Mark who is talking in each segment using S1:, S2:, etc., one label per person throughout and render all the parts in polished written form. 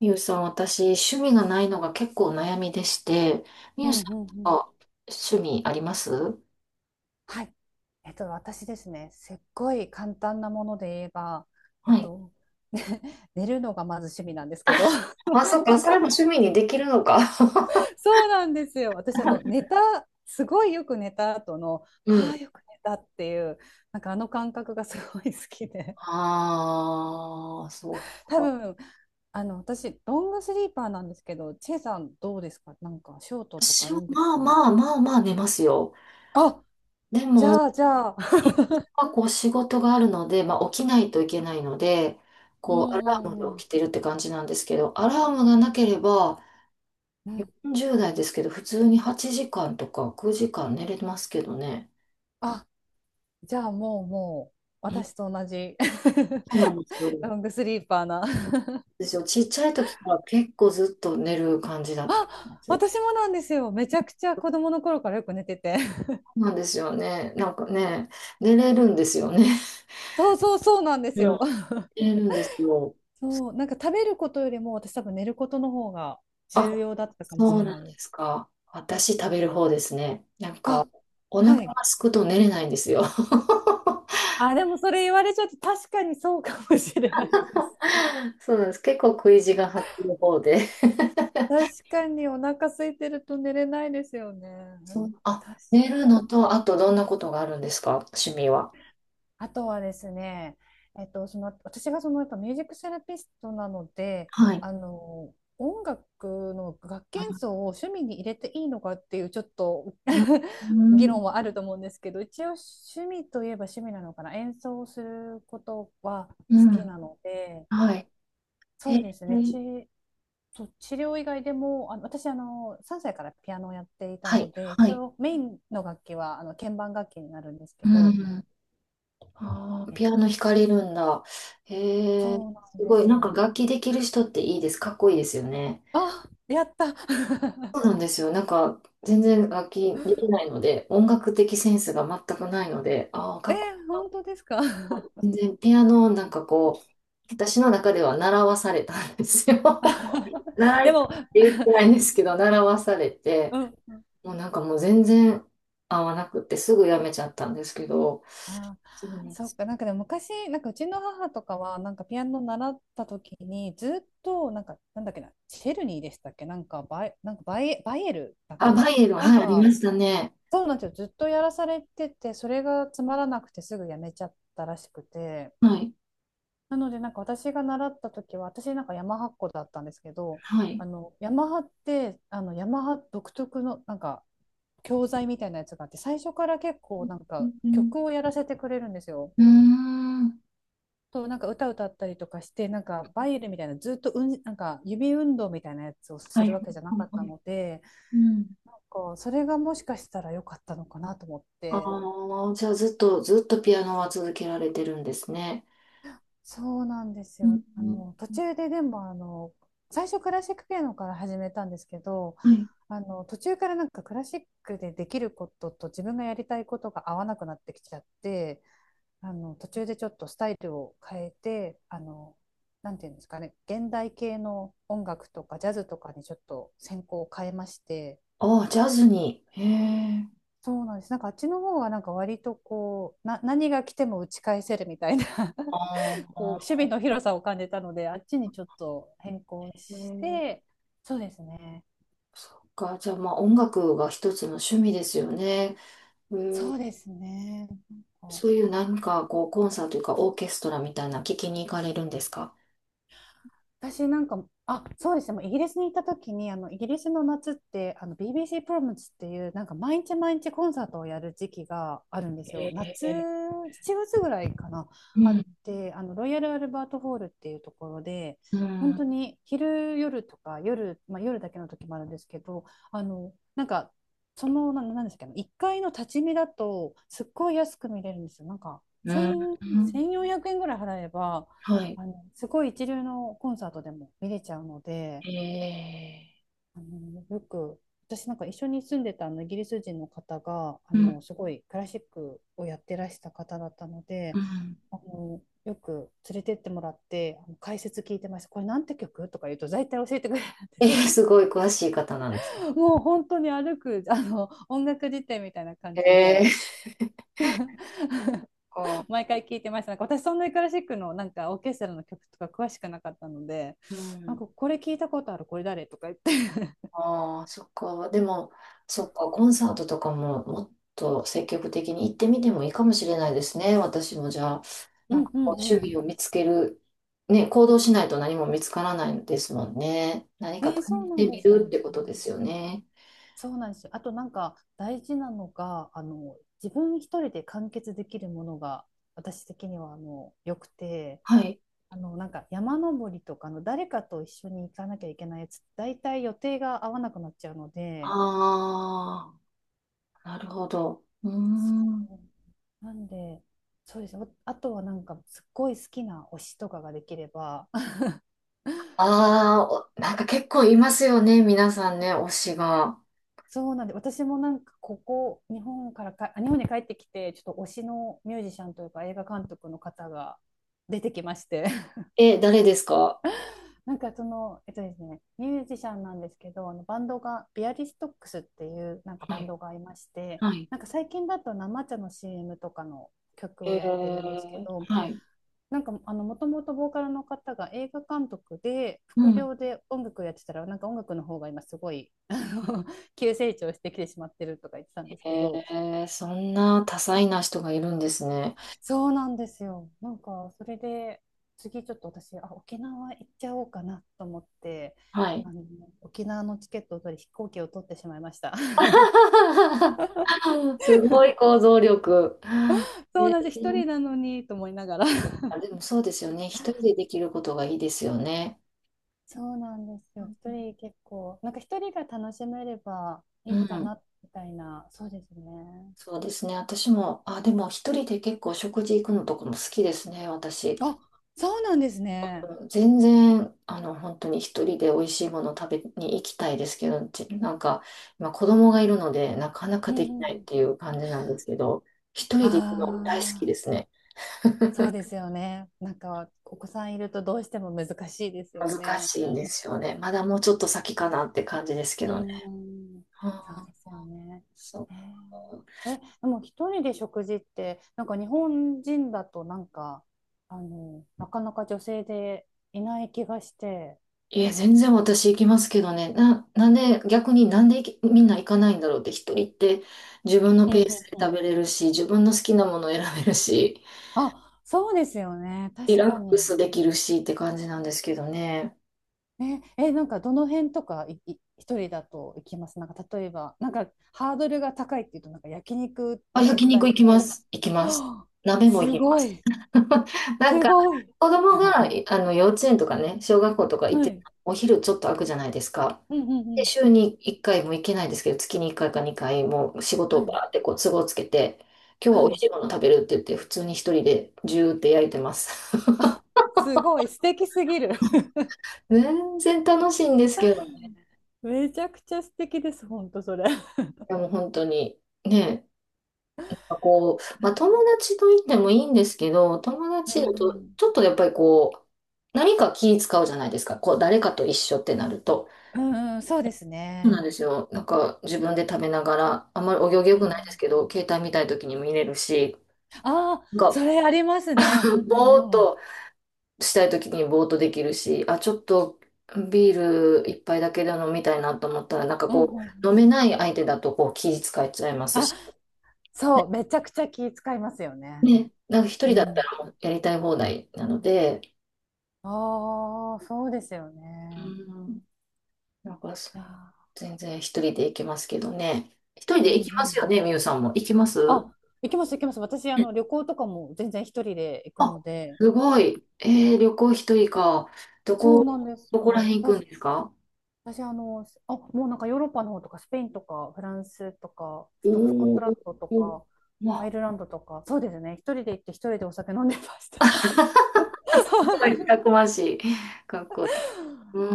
S1: みゆさん、私、趣味がないのが結構悩みでして、み
S2: う
S1: ゆ
S2: ん
S1: さ
S2: う
S1: ん
S2: ん
S1: と
S2: うん。
S1: か趣味あります
S2: はい。私ですね、すっごい簡単なもので言えば、えっ
S1: はい。
S2: と、ね 寝るのがまず趣味なんですけど、
S1: あ、そっか、そ れも趣味にできるのか。
S2: そうなんですよ。私、すごいよく寝た後の、
S1: う
S2: あ
S1: ん。
S2: あ、よく寝たっていう、なんかあの感覚がすごい好きで、
S1: ああ、そう
S2: 多
S1: か。
S2: 分、私、ロングスリーパーなんですけど、チェさんどうですかなんか、ショートと
S1: 私
S2: かロ
S1: は
S2: ングと
S1: まあ
S2: か。
S1: まあまあまあ寝ますよ。
S2: あ、
S1: でも、
S2: じゃあ、
S1: こう仕事があるので、まあ起きないといけないので、
S2: うん
S1: こうアラームで
S2: うんうん。
S1: 起きてるって感じなんですけど、アラームがなければ、
S2: うん。
S1: 40代ですけど、普通に8時間とか9時間寝れますけどね。
S2: あ、じゃあもう私と同じ
S1: そうなんですよ。
S2: ロングスリーパーな
S1: ですよ。ちっちゃい時から結構ずっと寝る感じだったんで
S2: あ、
S1: すよ。
S2: 私もなんですよ。めちゃくちゃ子供の頃からよく寝てて
S1: そうなんですよね。なんかね、寝れるんですよね。
S2: そうそうそうなんです
S1: うん、
S2: よ
S1: 寝れるんですよ。
S2: そう、なんか食べることよりも私多分寝ることの方が重
S1: あ、
S2: 要だったかもし
S1: そう
S2: れ
S1: な
S2: な
S1: ん
S2: い
S1: で
S2: で
S1: す
S2: す。
S1: か。私食べる方ですね。なんか、
S2: あ、
S1: お腹
S2: は
S1: が
S2: い。
S1: 空くと寝れないんですよ。
S2: あ、でもそれ言われちゃって確かにそうかもしれないです。
S1: そうなんです。結構食い地が張ってる方で。
S2: 確かにお腹空いてると寝れないですよね。
S1: そうあ、
S2: 確
S1: 寝る
S2: か
S1: の
S2: に。
S1: と、あとどんなことがあるんですか趣味は。
S2: あとはですね、その私がそのやっぱミュージックセラピストなので、
S1: はい。
S2: あの音楽の楽器演奏を趣味に入れていいのかっていうちょっと
S1: うん。うん。
S2: 議論はあると思うんですけど、一応趣味といえば趣味なのかな、演奏をすることは
S1: う
S2: 好
S1: ん。う
S2: き
S1: ん
S2: なので、
S1: はい。え
S2: そうです
S1: ー
S2: ね、そう治療以外でも、あの私あの、3歳からピアノをやっていた
S1: は
S2: の
S1: い、
S2: で、
S1: は
S2: 一
S1: い。
S2: 応メインの楽器はあの鍵盤楽器になるんですけ
S1: う
S2: ど、
S1: ん。あー、
S2: え
S1: ピアノ弾かれるんだ。へえ、
S2: そうなん
S1: す
S2: で
S1: ごい。
S2: す
S1: なんか
S2: よ。
S1: 楽器できる人っていいです。かっこいいですよね。
S2: あ、やった。
S1: そうなんですよ。なんか全然楽器できないので、音楽的センスが全くないので、ああ、
S2: え
S1: かっこ
S2: ー、本当ですか。
S1: いい。全然ピアノをなんかこう、私の中では習わされたんですよ。習い
S2: で
S1: たいって
S2: も、
S1: 言ってないんで すけど、習わされて、
S2: うん、うん
S1: もうなんかもう全然合わなくってすぐやめちゃったんですけど、
S2: あー、
S1: そうなんで
S2: そっ
S1: す。
S2: か、なんかでも昔、なんかうちの母とかは、なんかピアノ習った時に、ずっと、なんか、なんだっけな、シェルニーでしたっけ、なんかバイエルだっけ
S1: あ、
S2: な、
S1: バイエルン、
S2: なん
S1: はい、ありま
S2: か、
S1: したね。
S2: そうなんですよ、ずっとやらされてて、それがつまらなくてすぐやめちゃったらしくて、
S1: はい。
S2: なので、なんか私が習った時は、私なんかヤマハっ子だったんですけど、
S1: はい。
S2: ヤマハって、ヤマハ独特のなんか教材みたいなやつがあって、最初から結構なん
S1: う
S2: か
S1: ん
S2: 曲をやらせてくれるんですよ。
S1: うーん。
S2: と、なんか歌歌ったりとかして、なんかバイエルみたいな、ずっとうん、なんか指運動みたいなやつを
S1: は
S2: す
S1: い
S2: る
S1: はい
S2: わけじゃなかっ
S1: は
S2: た
S1: い。
S2: ので、
S1: うん。
S2: なんかそれがもしかしたら良かったのかなと思って、
S1: ああ、じゃあずっと、ずっとピアノは続けられてるんですね。
S2: そうなんです
S1: うん
S2: よ。
S1: うん
S2: 途中ででも、最初クラシックピアノから始めたんですけど、
S1: はい。
S2: 途中からなんかクラシックでできることと自分がやりたいことが合わなくなってきちゃって、途中でちょっとスタイルを変えて、なんていうんですかね、現代系の音楽とかジャズとかにちょっと専攻を変えまして、
S1: ああ、ジャズに。へえ。
S2: そうなんです。なんかあっちの方はなんか割とこう、何が来ても打ち返せるみたいな
S1: あ
S2: こう守
S1: あ、
S2: 備の広さを感じたので、あっちにちょっと変更
S1: へ
S2: し
S1: え。
S2: て、そうですね。
S1: そっか。じゃあまあ音楽が一つの趣味ですよね。うん、
S2: そうですね。なんか
S1: そういうなんかこうコンサートというかオーケストラみたいな聞きに行かれるんですか
S2: 私なんか、あ、そうですね、もうイギリスに行った時に、イギリスの夏って、BBC プロムズっていう、なんか毎日毎日コンサートをやる時期があるんですよ。
S1: え
S2: 夏、
S1: え。
S2: 7月ぐらいかな、
S1: う
S2: あっ
S1: ん、
S2: て、ロイヤル・アルバート・ホールっていうところで、
S1: う
S2: 本
S1: ん、
S2: 当に昼、夜とか、夜、まあ、夜だけの時もあるんですけど、なんか、その、なんですかね、1階の立ち見だと、すっごい安く見れるんですよ。なんか、
S1: うん、
S2: 1000、4
S1: うん
S2: 0 0円ぐらい払えば、
S1: はい。
S2: すごい一流のコンサートでも見れちゃうので、
S1: ええ。
S2: あの、よく、私なんか一緒に住んでたあのイギリス人の方が、すごいクラシックをやってらした方だったの
S1: う
S2: で、
S1: ん。
S2: よく連れてってもらって、あの解説聞いてました。これなんて曲とか言うと、大体教えてくれるんで
S1: えー、
S2: すよ。
S1: すごい詳しい方なんですね。
S2: もう本当に歩く、音楽辞典みたいな感
S1: え
S2: じで、
S1: ー、そっか。
S2: 毎回聞いてました。なんか私そんなにクラシックのなんかオーケストラの曲とか詳しくなかったので、
S1: う
S2: なん
S1: ん。
S2: かこれ聞いたことある、これ誰とか言って。
S1: ああ、そっか。でも、そっか、コンサートとかももっと積極的に行ってみてもいいかもしれないですね。私もじゃあ、
S2: う
S1: なんか
S2: んう
S1: こう、趣
S2: んう
S1: 味を見つける、ね、行動しないと何も見つからないですもんね。何
S2: ん。
S1: かう試
S2: そう
S1: し
S2: なん
S1: て
S2: で
S1: み
S2: すよ
S1: るっ
S2: ね。
S1: てことですよね。
S2: そうなんですよ。あとなんか大事なのが、自分一人で完結できるものが私的には良くて、
S1: はい。
S2: なんか山登りとかの誰かと一緒に行かなきゃいけないやつ、大体予定が合わなくなっちゃうので、
S1: ああ、なるほど。うー
S2: そ
S1: ん。
S2: うなんで、そうです。あとはなんかすっごい好きな推しとかができれば、
S1: ああ、お、なんか結構いますよね、皆さんね、推しが。
S2: そうなんで、私もなんかここ、日本からか、あ、日本に帰ってきて、ちょっと推しのミュージシャンというか映画監督の方が 出てきまして
S1: え、誰ですか
S2: なんかその、えっとですね、ミュージシャンなんですけど、あのバンドが、ビアリストックスっていうなんか
S1: は
S2: バン
S1: い。
S2: ドがいまして、
S1: はい。
S2: なんか最近だと生茶の CM とかの曲を
S1: え
S2: やってるんですけ
S1: ー、
S2: ど、
S1: はい。
S2: なんかあのもともとボーカルの方が映画監督で
S1: う
S2: 副
S1: ん。
S2: 業で音楽やってたらなんか音楽の方が今すごいの 急成長してきてしまってるとか言ってたんですけ
S1: え
S2: ど。
S1: ー、そんな多彩な人がいるんですね。
S2: そうなんですよ。なんか、それで、次ちょっと私、あ、沖縄行っちゃおうかなと思って、
S1: はい。
S2: あの、沖縄のチケットを取り、飛行機を取ってしまいました。
S1: すごい構造力。う
S2: そうなんです。一
S1: ん
S2: 人なのにと思いながら。
S1: あ、でもそうですよね。一人でできることがいいですよね。
S2: そうなんですよ。一人結構、なんか一人が楽しめれば
S1: う
S2: いいか
S1: ん。
S2: な、みたいな。そうですね。
S1: そうですね。私も、あ、でも一人で結構食事行くのとかも好きですね、私。
S2: あ、そうなんですね。
S1: うん、全然、あの、本当に一人で美味しいものを食べに行きたいですけど、ちなんか、今子供がいるので、なかなか
S2: うん
S1: で
S2: う
S1: き
S2: んう
S1: ないっ
S2: ん。
S1: ていう感じなんですけど、一
S2: あ
S1: 人で行くの大好き
S2: あ、
S1: ですね。
S2: そうですよね。なんか、お子さんいるとどうしても難しいですよ
S1: 難
S2: ね。
S1: しいんですよね。まだもうちょっと先かなって感じですけ
S2: うー
S1: どね。
S2: ん、そう
S1: あー、
S2: ですよね。
S1: そう。
S2: えーえ、でも一人で食事って、なんか日本人だとなんか、なかなか女性でいない気がして。
S1: いや、全然私行きますけどね。なんで、逆になんでみんな行かないんだろうって、一人って自分の
S2: うん
S1: ペ
S2: う
S1: ース
S2: ん
S1: で
S2: う
S1: 食
S2: ん。
S1: べれるし、自分の好きなものを選べるし、
S2: あ、そうですよね。
S1: リ
S2: 確
S1: ラッ
S2: か
S1: クス
S2: に。
S1: できるしって感じなんですけどね。
S2: え、え、なんかどの辺とかいい一人だと行きますなんか例えば、なんかハードルが高いっていうと、なんか焼肉
S1: あ、
S2: は
S1: 焼
S2: 絶
S1: 肉
S2: 対一
S1: 行き
S2: 人
S1: ま
S2: で。
S1: す。行きます。
S2: はあ
S1: 鍋も行
S2: す
S1: きま
S2: ご
S1: す。
S2: い。
S1: なん
S2: す
S1: か、
S2: ごい。
S1: 子供が、あの、幼稚園とかね、小学校とか行っ
S2: は
S1: て、
S2: い。
S1: お昼ちょっと空くじゃないですか。
S2: うんうんう
S1: で、
S2: ん。
S1: 週に1回も行けないですけど、月に1回か2回もう仕事
S2: は
S1: をバ
S2: い。
S1: ーってこう都合つけて、今日は
S2: は
S1: 美味
S2: い。
S1: しいもの食べるって言って、普通に一人でジューって焼いてます。
S2: あ、すごい素敵すぎる。
S1: 全然楽しいんですけどね、
S2: めちゃくちゃ素敵です、本当それ。
S1: でも本当に、ね、かこう、まあ、友 達と言ってもいいんですけど、友
S2: う
S1: 達だと
S2: ん、
S1: ちょっとやっぱりこう、何か気使うじゃないですか。こう、誰かと一緒ってなると。
S2: うんうんうん、そうです
S1: そうなん
S2: ね。
S1: ですよ。なんか自分で食べながら、あんまりお行儀良
S2: う
S1: くないですけ
S2: ん。
S1: ど、携帯見たい時に見れるし、
S2: ああ、
S1: なん
S2: そ
S1: か
S2: れありますね。うんう
S1: ぼーっ
S2: んうん。
S1: としたい時にぼーっとできるし、あ、ちょっとビール一杯だけで飲みたいなと思ったら、なんか
S2: うん
S1: こ
S2: う
S1: う、
S2: ん。
S1: 飲めない相手だとこう気使っちゃいます
S2: あ、
S1: し、
S2: そう、めちゃくちゃ気使いますよね。
S1: ね、なんか一人
S2: う
S1: だった
S2: ん。
S1: らもうやりたい放題なので、
S2: ああ、そうですよ
S1: う
S2: ね。
S1: ん、なんかそ
S2: いや
S1: 全然一人で行きますけどね。一人
S2: ー、う
S1: で
S2: ん
S1: 行
S2: う
S1: きま
S2: んう
S1: すよ
S2: ん。
S1: ね、みゆさんも。行きます
S2: あ、行きます行きます。私、
S1: うん
S2: 旅行とかも全然一人で行くの
S1: あ、
S2: で。
S1: すごい。えー、旅行一人か。ど
S2: そうなん
S1: こ、
S2: です
S1: どこら
S2: よ。
S1: 辺行くんですか
S2: 私、あ、もうなんかヨーロッパの方とか、スペインとか、フランスとか、スコッ
S1: お
S2: トランドと
S1: おー、
S2: か、ア
S1: ま
S2: イルランドとか、そうですね、一人で行って一人でお酒飲んでました。
S1: あ、た くましい。かっこいい。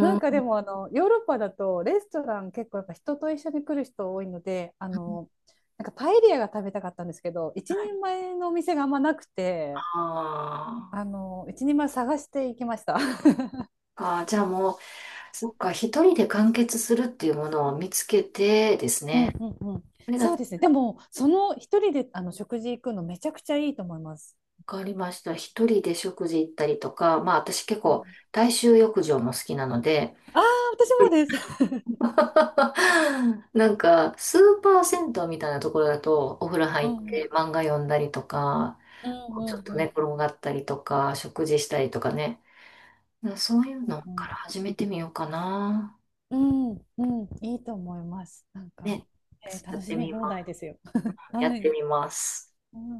S2: なんか
S1: ー
S2: で
S1: ん、
S2: も、ヨーロッパだと、レストラン結構やっぱ人と一緒に来る人多いので、なんかパエリアが食べたかったんですけど、一人前のお店があんまなくて、
S1: あー、
S2: 一人前探していきました。
S1: あー、じゃあもう、そっか、一人で完結するっていうものを見つけてです
S2: うん
S1: ね。
S2: うんうん。
S1: それだ
S2: そうですね。でも、その一人で食事行くのめちゃくちゃいいと思います。
S1: わかりました。一人で食事行ったりとか、まあ私結構大衆浴場も好きなので、
S2: ああ、私
S1: う
S2: も
S1: ん、
S2: です。
S1: なんかスーパー銭湯みたいなところだとお風呂入
S2: う
S1: っ
S2: ん。
S1: て漫画読んだりとか、
S2: うん
S1: ちょ
S2: う
S1: っ
S2: ん
S1: と
S2: う
S1: 寝
S2: ん
S1: 転がったりとか、食事したりとかね。そういうの
S2: う
S1: から
S2: ん。
S1: 始めてみようかな。
S2: うんうん。いいと思います。なんか、
S1: ね。や
S2: 楽
S1: っ
S2: し
S1: て
S2: み
S1: みま
S2: 放題ですよ。
S1: す。やっ
S2: は
S1: て
S2: い。
S1: みます。
S2: うん